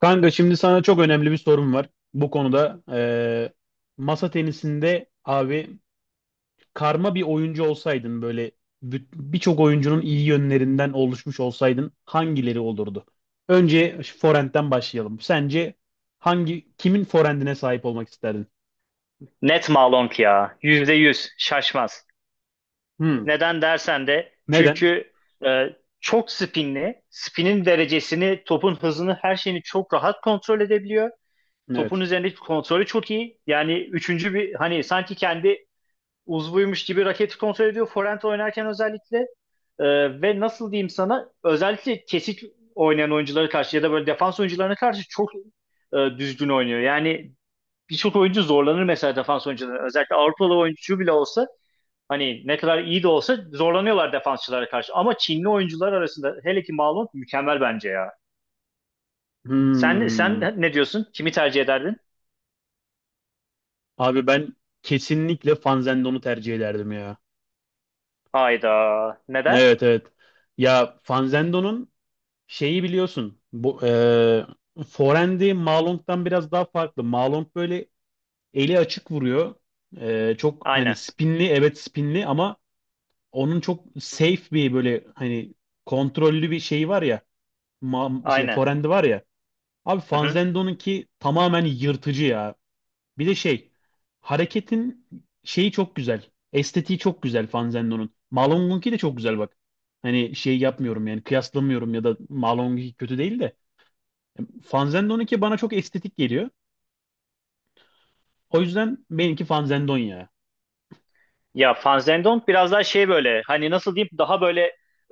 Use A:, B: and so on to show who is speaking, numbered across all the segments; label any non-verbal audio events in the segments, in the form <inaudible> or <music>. A: Kanka şimdi sana çok önemli bir sorum var. Bu konuda masa tenisinde abi karma bir oyuncu olsaydın böyle birçok oyuncunun iyi yönlerinden oluşmuş olsaydın hangileri olurdu? Önce şu forehand'den başlayalım. Sence hangi kimin forehand'ine sahip olmak isterdin?
B: Net Malonk ya. %100. Şaşmaz.
A: Hmm.
B: Neden dersen de
A: Neden?
B: çünkü e, çok spinli. Spinin derecesini, topun hızını, her şeyini çok rahat kontrol edebiliyor. Topun
A: Evet.
B: üzerindeki kontrolü çok iyi. Yani üçüncü bir hani sanki kendi uzvuymuş gibi raketi kontrol ediyor. Forehand oynarken özellikle ve nasıl diyeyim sana özellikle kesik oynayan oyunculara karşı ya da böyle defans oyuncularına karşı çok düzgün oynuyor. Yani birçok oyuncu zorlanır mesela defans oyuncuları. Özellikle Avrupalı oyuncu bile olsa hani ne kadar iyi de olsa zorlanıyorlar defansçılara karşı. Ama Çinli oyuncular arasında hele ki Malum mükemmel bence ya. Sen
A: Hmm.
B: ne diyorsun? Kimi tercih ederdin?
A: Abi ben kesinlikle Fanzendon'u tercih ederdim ya.
B: Hayda. Neden?
A: Evet, evet. Ya Fanzendo'nun şeyi biliyorsun. Bu forehand'i Malong'dan biraz daha farklı. Malong böyle eli açık vuruyor. Çok hani
B: Aynen.
A: spinli, evet spinli, ama onun çok safe bir böyle hani kontrollü bir şeyi var ya. Şey
B: Aynen.
A: forehand'i var ya. Abi
B: Hı hı.
A: Fanzendo'nunki tamamen yırtıcı ya. Bir de şey hareketin şeyi çok güzel. Estetiği çok güzel Fanzendo'nun. Malong'unki de çok güzel bak. Hani şey yapmıyorum, yani kıyaslamıyorum ya da Malong'unki kötü değil de. Fanzendon 2 bana çok estetik geliyor. O yüzden benimki Fanzendon ya.
B: Ya Van biraz daha şey böyle hani nasıl diyeyim daha böyle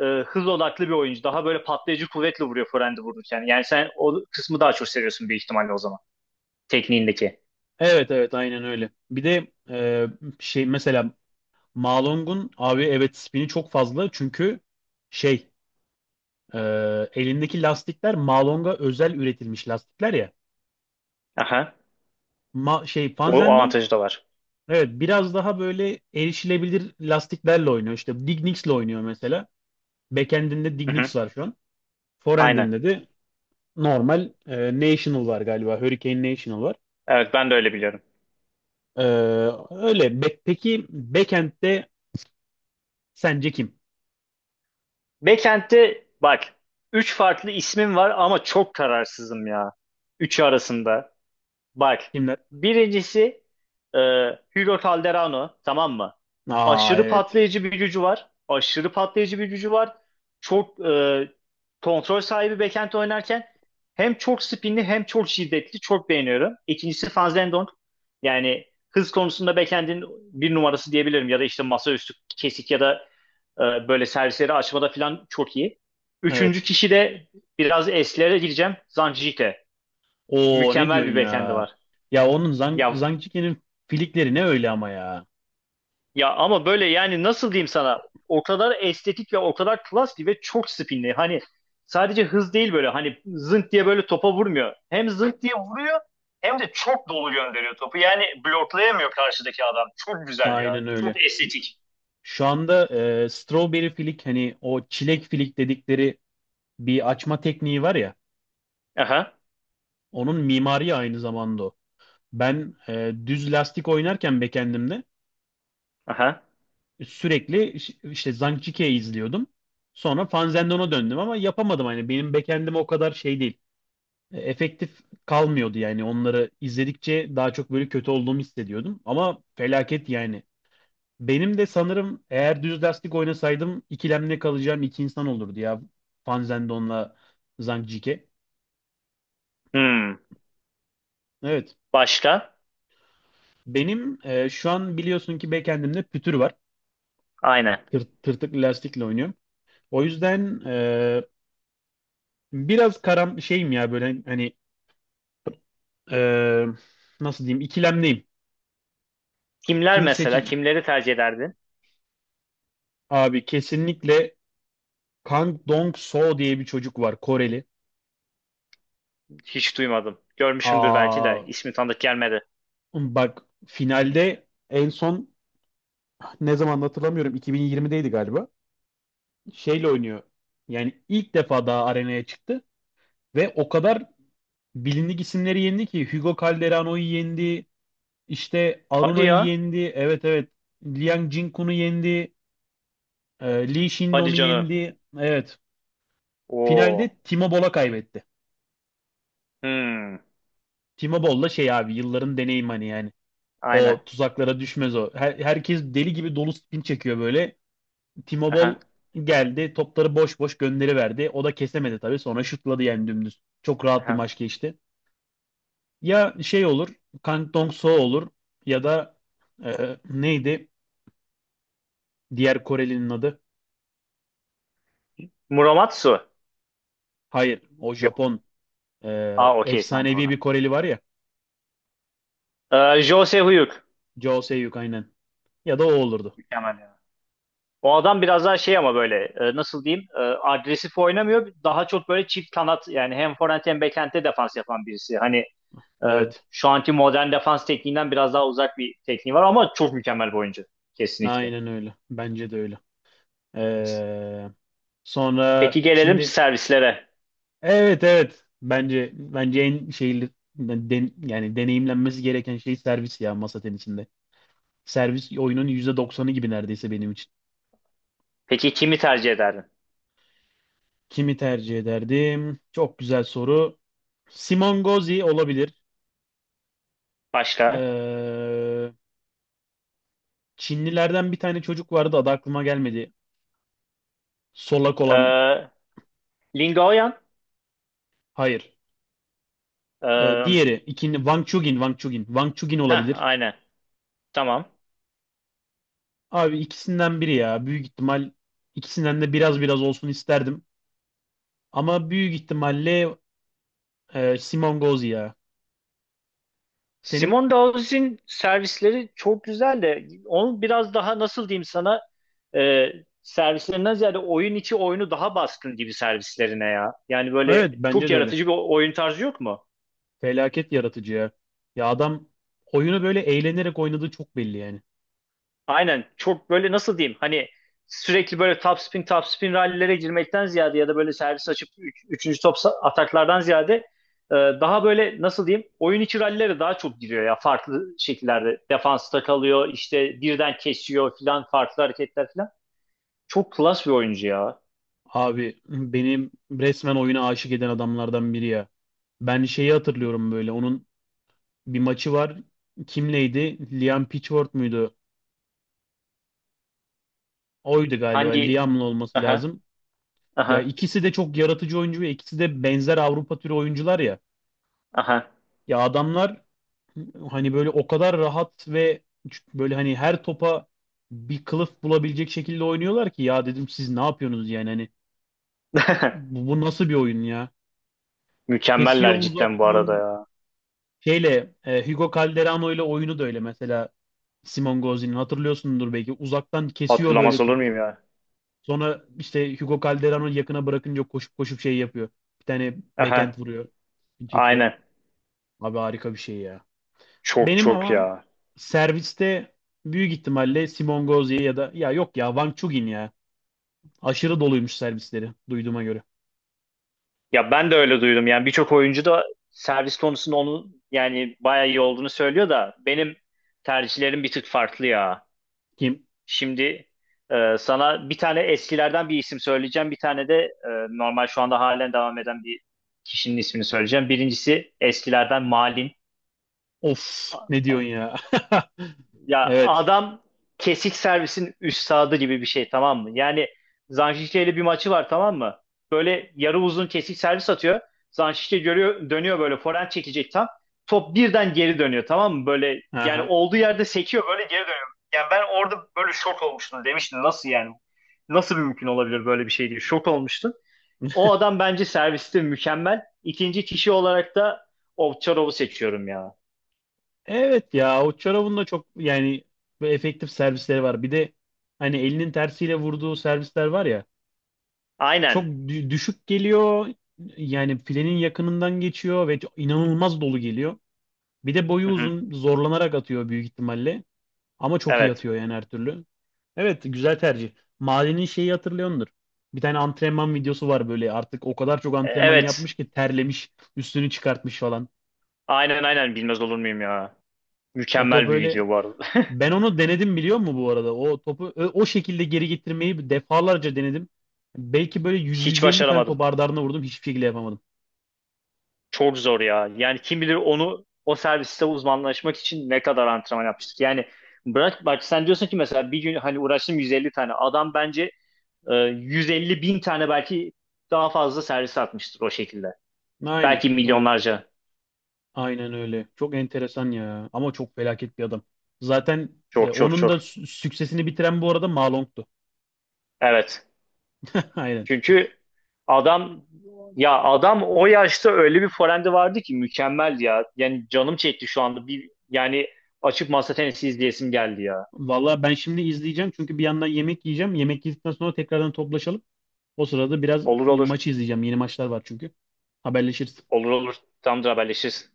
B: hız odaklı bir oyuncu. Daha böyle patlayıcı kuvvetle vuruyor forehand'i vururken. Yani sen o kısmı daha çok seviyorsun büyük ihtimalle o zaman. Tekniğindeki.
A: Evet, evet, aynen öyle. Bir de şey mesela Malong'un abi evet spini çok fazla çünkü şey e, elindeki lastikler Malong'a özel üretilmiş lastikler ya.
B: Aha.
A: Şey
B: O
A: Fanzendon,
B: avantajı da var.
A: evet, biraz daha böyle erişilebilir lastiklerle oynuyor. İşte Dignics'le oynuyor mesela. Backend'inde
B: Hı hı.
A: Dignics var şu an.
B: Aynen.
A: Foreend'inde de normal National var galiba. Hurricane National var.
B: Evet ben de öyle biliyorum.
A: Ee, Öyle. Peki backend'de sence kim?
B: Backend'de bak 3 farklı ismim var ama çok kararsızım ya. Üçü arasında. Bak
A: Kimler?
B: birincisi e, Hugo Calderano tamam mı?
A: Aa,
B: Aşırı
A: evet.
B: patlayıcı bir gücü var. Aşırı patlayıcı bir gücü var. Çok kontrol sahibi backend oynarken hem çok spinli hem çok şiddetli. Çok beğeniyorum. İkincisi Van Zendonk. Yani hız konusunda backend'in bir numarası diyebilirim. Ya da işte masaüstü kesik ya da böyle servisleri açmada falan çok iyi. Üçüncü
A: Evet.
B: kişi de biraz eslere gireceğim. Zanjite.
A: Oo, ne
B: Mükemmel
A: diyorsun
B: bir bekendi
A: ya?
B: var.
A: Ya onun Zang
B: Ya
A: Zangçiki'nin filikleri ne öyle ama ya.
B: ya ama böyle yani nasıl diyeyim sana? O kadar estetik ve o kadar klasli ve çok spinli. Hani sadece hız değil böyle hani zınk diye böyle topa vurmuyor. Hem zınk diye vuruyor hem de çok dolu gönderiyor topu. Yani bloklayamıyor karşıdaki adam. Çok güzel ya.
A: Aynen öyle.
B: Çok estetik.
A: Şu anda strawberry filik, hani o çilek filik dedikleri bir açma tekniği var ya.
B: Aha.
A: Onun mimari aynı zamanda o. Ben düz lastik oynarken backend'imde
B: Aha.
A: sürekli işte Zhangjiako'yu izliyordum. Sonra Fanzendon'a döndüm ama yapamadım. Hani benim backend'im o kadar şey değil. Efektif kalmıyordu, yani onları izledikçe daha çok böyle kötü olduğumu hissediyordum. Ama felaket yani. Benim de sanırım eğer düz lastik oynasaydım ikilemde kalacağım iki insan olurdu ya. Fanzendon'la Zhangjiakow.
B: Hmm.
A: Evet.
B: Başka?
A: Benim şu an biliyorsun ki backend'imde pütür var.
B: Aynen.
A: Tırtıklı lastikle oynuyorum. O yüzden biraz karam şeyim ya böyle hani Ee, nasıl diyeyim ikilemdeyim.
B: Kimler
A: Kimi
B: mesela?
A: seçeceğim?
B: Kimleri tercih ederdin?
A: Abi kesinlikle Kang Dong-soo diye bir çocuk var, Koreli.
B: Hiç duymadım. Görmüşümdür belki
A: Aa,
B: de. İsmi tanıdık gelmedi.
A: bak finalde en son ne zaman hatırlamıyorum, 2020'deydi galiba. Şeyle oynuyor. Yani ilk defa daha arenaya çıktı ve o kadar bilindik isimleri yendi ki Hugo Calderano'yu yendi, işte
B: Hadi
A: Aruna'yı
B: ya.
A: yendi. Evet, evet. Liang Jingkun'u yendi. Lee
B: Hadi
A: Shindon'u
B: canım.
A: yendi. Evet. Finalde
B: Oo.
A: Timo Boll'a kaybetti.
B: Hmm.
A: Timo Boll'la şey abi yılların deneyim hani yani.
B: Aynen.
A: O tuzaklara düşmez o. Herkes deli gibi dolu spin çekiyor böyle. Timo
B: Aha.
A: Boll geldi topları boş boş gönderiverdi. O da kesemedi tabii, sonra şutladı yani dümdüz. Çok rahat bir
B: Aha.
A: maç geçti. Ya şey olur, Kang Dong-soo olur ya da neydi diğer Korelinin adı?
B: Muramatsu.
A: Hayır, o
B: Yok.
A: Japon. e,
B: Aa, okey, tamam, doğru.
A: Efsanevi bir Koreli var ya.
B: Jose Huyuk.
A: Jo Se-hyuk, aynen. Ya da o olurdu.
B: Mükemmel ya. O adam biraz daha şey ama böyle nasıl diyeyim agresif oynamıyor. Daha çok böyle çift kanat yani hem forvent hem bekente defans yapan birisi. Hani e,
A: Evet
B: şu anki modern defans tekniğinden biraz daha uzak bir tekniği var ama çok mükemmel bir oyuncu. Kesinlikle.
A: aynen öyle. Bence de öyle. Ee,
B: Peki
A: Sonra
B: gelelim
A: şimdi,
B: servislere.
A: evet evet, bence en şeyli yani deneyimlenmesi gereken şey servis ya masa tenisinde. Servis oyunun yüzde doksanı gibi neredeyse benim için.
B: Peki kimi tercih ederdin?
A: Kimi tercih ederdim? Çok güzel soru. Simon Gozi olabilir.
B: Başka?
A: Ee, Çinlilerden bir tane çocuk vardı, adı aklıma gelmedi. Solak olan.
B: Ee, Lingoyan.
A: Hayır.
B: Ee,
A: Diğeri ikinci Wang Chugin, Wang Chugin. Wang Chugin
B: heh,
A: olabilir.
B: aynen. Tamam.
A: Abi ikisinden biri ya. Büyük ihtimal ikisinden de biraz biraz olsun isterdim. Ama büyük ihtimalle Simon Gauzy ya. Senin?
B: Simone Dawes'in servisleri çok güzel de onun biraz daha nasıl diyeyim sana e, servislerinden ziyade oyun içi oyunu daha baskın gibi servislerine ya. Yani böyle
A: Evet bence
B: çok
A: de öyle.
B: yaratıcı bir oyun tarzı yok mu?
A: Felaket yaratıcı ya. Ya adam oyunu böyle eğlenerek oynadığı çok belli yani.
B: Aynen, çok böyle nasıl diyeyim hani sürekli böyle topspin topspin rallilere girmekten ziyade ya da böyle servis açıp üçüncü top ataklardan ziyade daha böyle nasıl diyeyim oyun içi rallilere daha çok giriyor ya, farklı şekillerde defansta kalıyor, işte birden kesiyor filan, farklı hareketler filan. Çok klas bir oyuncu ya.
A: Abi benim resmen oyuna aşık eden adamlardan biri ya. Ben şeyi hatırlıyorum böyle. Onun bir maçı var. Kimleydi, Liam Pitchford muydu? Oydu galiba.
B: Hangi?
A: Liam'la olması
B: Aha.
A: lazım.
B: Aha.
A: Ya ikisi de çok yaratıcı oyuncu ve ikisi de benzer Avrupa türü oyuncular ya.
B: Aha.
A: Ya adamlar hani böyle o kadar rahat ve böyle hani her topa bir kılıf bulabilecek şekilde oynuyorlar ki ya dedim siz ne yapıyorsunuz yani hani
B: <laughs>
A: bu nasıl bir oyun ya? Kesiyor
B: Mükemmeller cidden bu arada
A: uzaktan.
B: ya.
A: Şeyle Hugo Calderano ile oyunu da öyle mesela. Simon Gauzy'nin hatırlıyorsundur belki uzaktan kesiyor
B: Hatırlamaz
A: böyle
B: olur
A: topu.
B: muyum ya?
A: Sonra işte Hugo Calderano yakına bırakınca koşup koşup şey yapıyor. Bir tane backhand
B: Aha.
A: vuruyor. Çekiyor.
B: Aynen.
A: Abi harika bir şey ya.
B: Çok
A: Benim
B: çok
A: ama
B: ya.
A: serviste büyük ihtimalle Simon Gauzy ya da ya yok ya Wang Chugin ya. Aşırı doluymuş servisleri duyduğuma göre.
B: Ya ben de öyle duydum. Yani birçok oyuncu da servis konusunda onun yani bayağı iyi olduğunu söylüyor da benim tercihlerim bir tık farklı ya.
A: Kim?
B: Şimdi sana bir tane eskilerden bir isim söyleyeceğim. Bir tane de normal şu anda halen devam eden bir kişinin ismini söyleyeceğim. Birincisi eskilerden Malin.
A: Of, ne diyorsun ya? <laughs>
B: Ya
A: Evet.
B: adam kesik servisin üstadı gibi bir şey tamam mı? Yani Zanşişte ile bir maçı var tamam mı? Böyle yarı uzun kesik servis atıyor. Zanşişte görüyor, dönüyor, böyle forehand çekecek tam. Top birden geri dönüyor tamam mı? Böyle yani
A: Aha.
B: olduğu yerde sekiyor, böyle geri dönüyor. Yani ben orada böyle şok olmuştum, demiştim nasıl yani? Nasıl bir mümkün olabilir böyle bir şey diye şok olmuştum. O adam bence serviste mükemmel. İkinci kişi olarak da Ovçarov'u seçiyorum ya.
A: Evet ya, o çorabın da çok yani böyle efektif servisleri var. Bir de hani elinin tersiyle vurduğu servisler var ya, çok
B: Aynen.
A: düşük geliyor. Yani filenin yakınından geçiyor ve inanılmaz dolu geliyor. Bir de boyu
B: Hı hı.
A: uzun, zorlanarak atıyor büyük ihtimalle. Ama çok iyi
B: Evet.
A: atıyor yani her türlü. Evet, güzel tercih. Mahallenin şeyi hatırlıyordur. Bir tane antrenman videosu var böyle, artık o kadar çok antrenman
B: Evet.
A: yapmış ki terlemiş, üstünü çıkartmış falan.
B: Aynen, aynen, bilmez olur muyum ya.
A: O top
B: Mükemmel bir
A: öyle.
B: video bu arada.
A: Ben onu denedim biliyor musun bu arada? O topu o şekilde geri getirmeyi defalarca denedim. Belki böyle
B: <laughs> Hiç
A: 100-150 tane
B: başaramadım.
A: top ardı ardına vurdum. Hiçbir şekilde yapamadım.
B: Çok zor ya. Yani kim bilir onu o serviste uzmanlaşmak için ne kadar antrenman yapmıştık. Yani bırak, bak sen diyorsun ki mesela bir gün hani uğraştım 150 tane. Adam bence 150 bin tane belki daha fazla servis atmıştır o şekilde.
A: Aynen.
B: Belki
A: Ha,
B: milyonlarca.
A: aynen öyle. Çok enteresan ya. Ama çok felaket bir adam. Zaten
B: Çok çok
A: onun da
B: çok.
A: süksesini bitiren bu arada Ma.
B: Evet.
A: <laughs> Aynen.
B: Çünkü adam, ya adam o yaşta öyle bir forehand'i vardı ki mükemmel ya. Yani canım çekti şu anda. Bir yani açıp masa tenisi izleyesim geldi ya.
A: Vallahi ben şimdi izleyeceğim, çünkü bir yandan yemek yiyeceğim. Yemek yedikten sonra tekrardan toplaşalım. O sırada biraz
B: Olur olur.
A: maçı izleyeceğim. Yeni maçlar var çünkü. Haberleşiriz.
B: Olur olur. Tamamdır, haberleşiriz.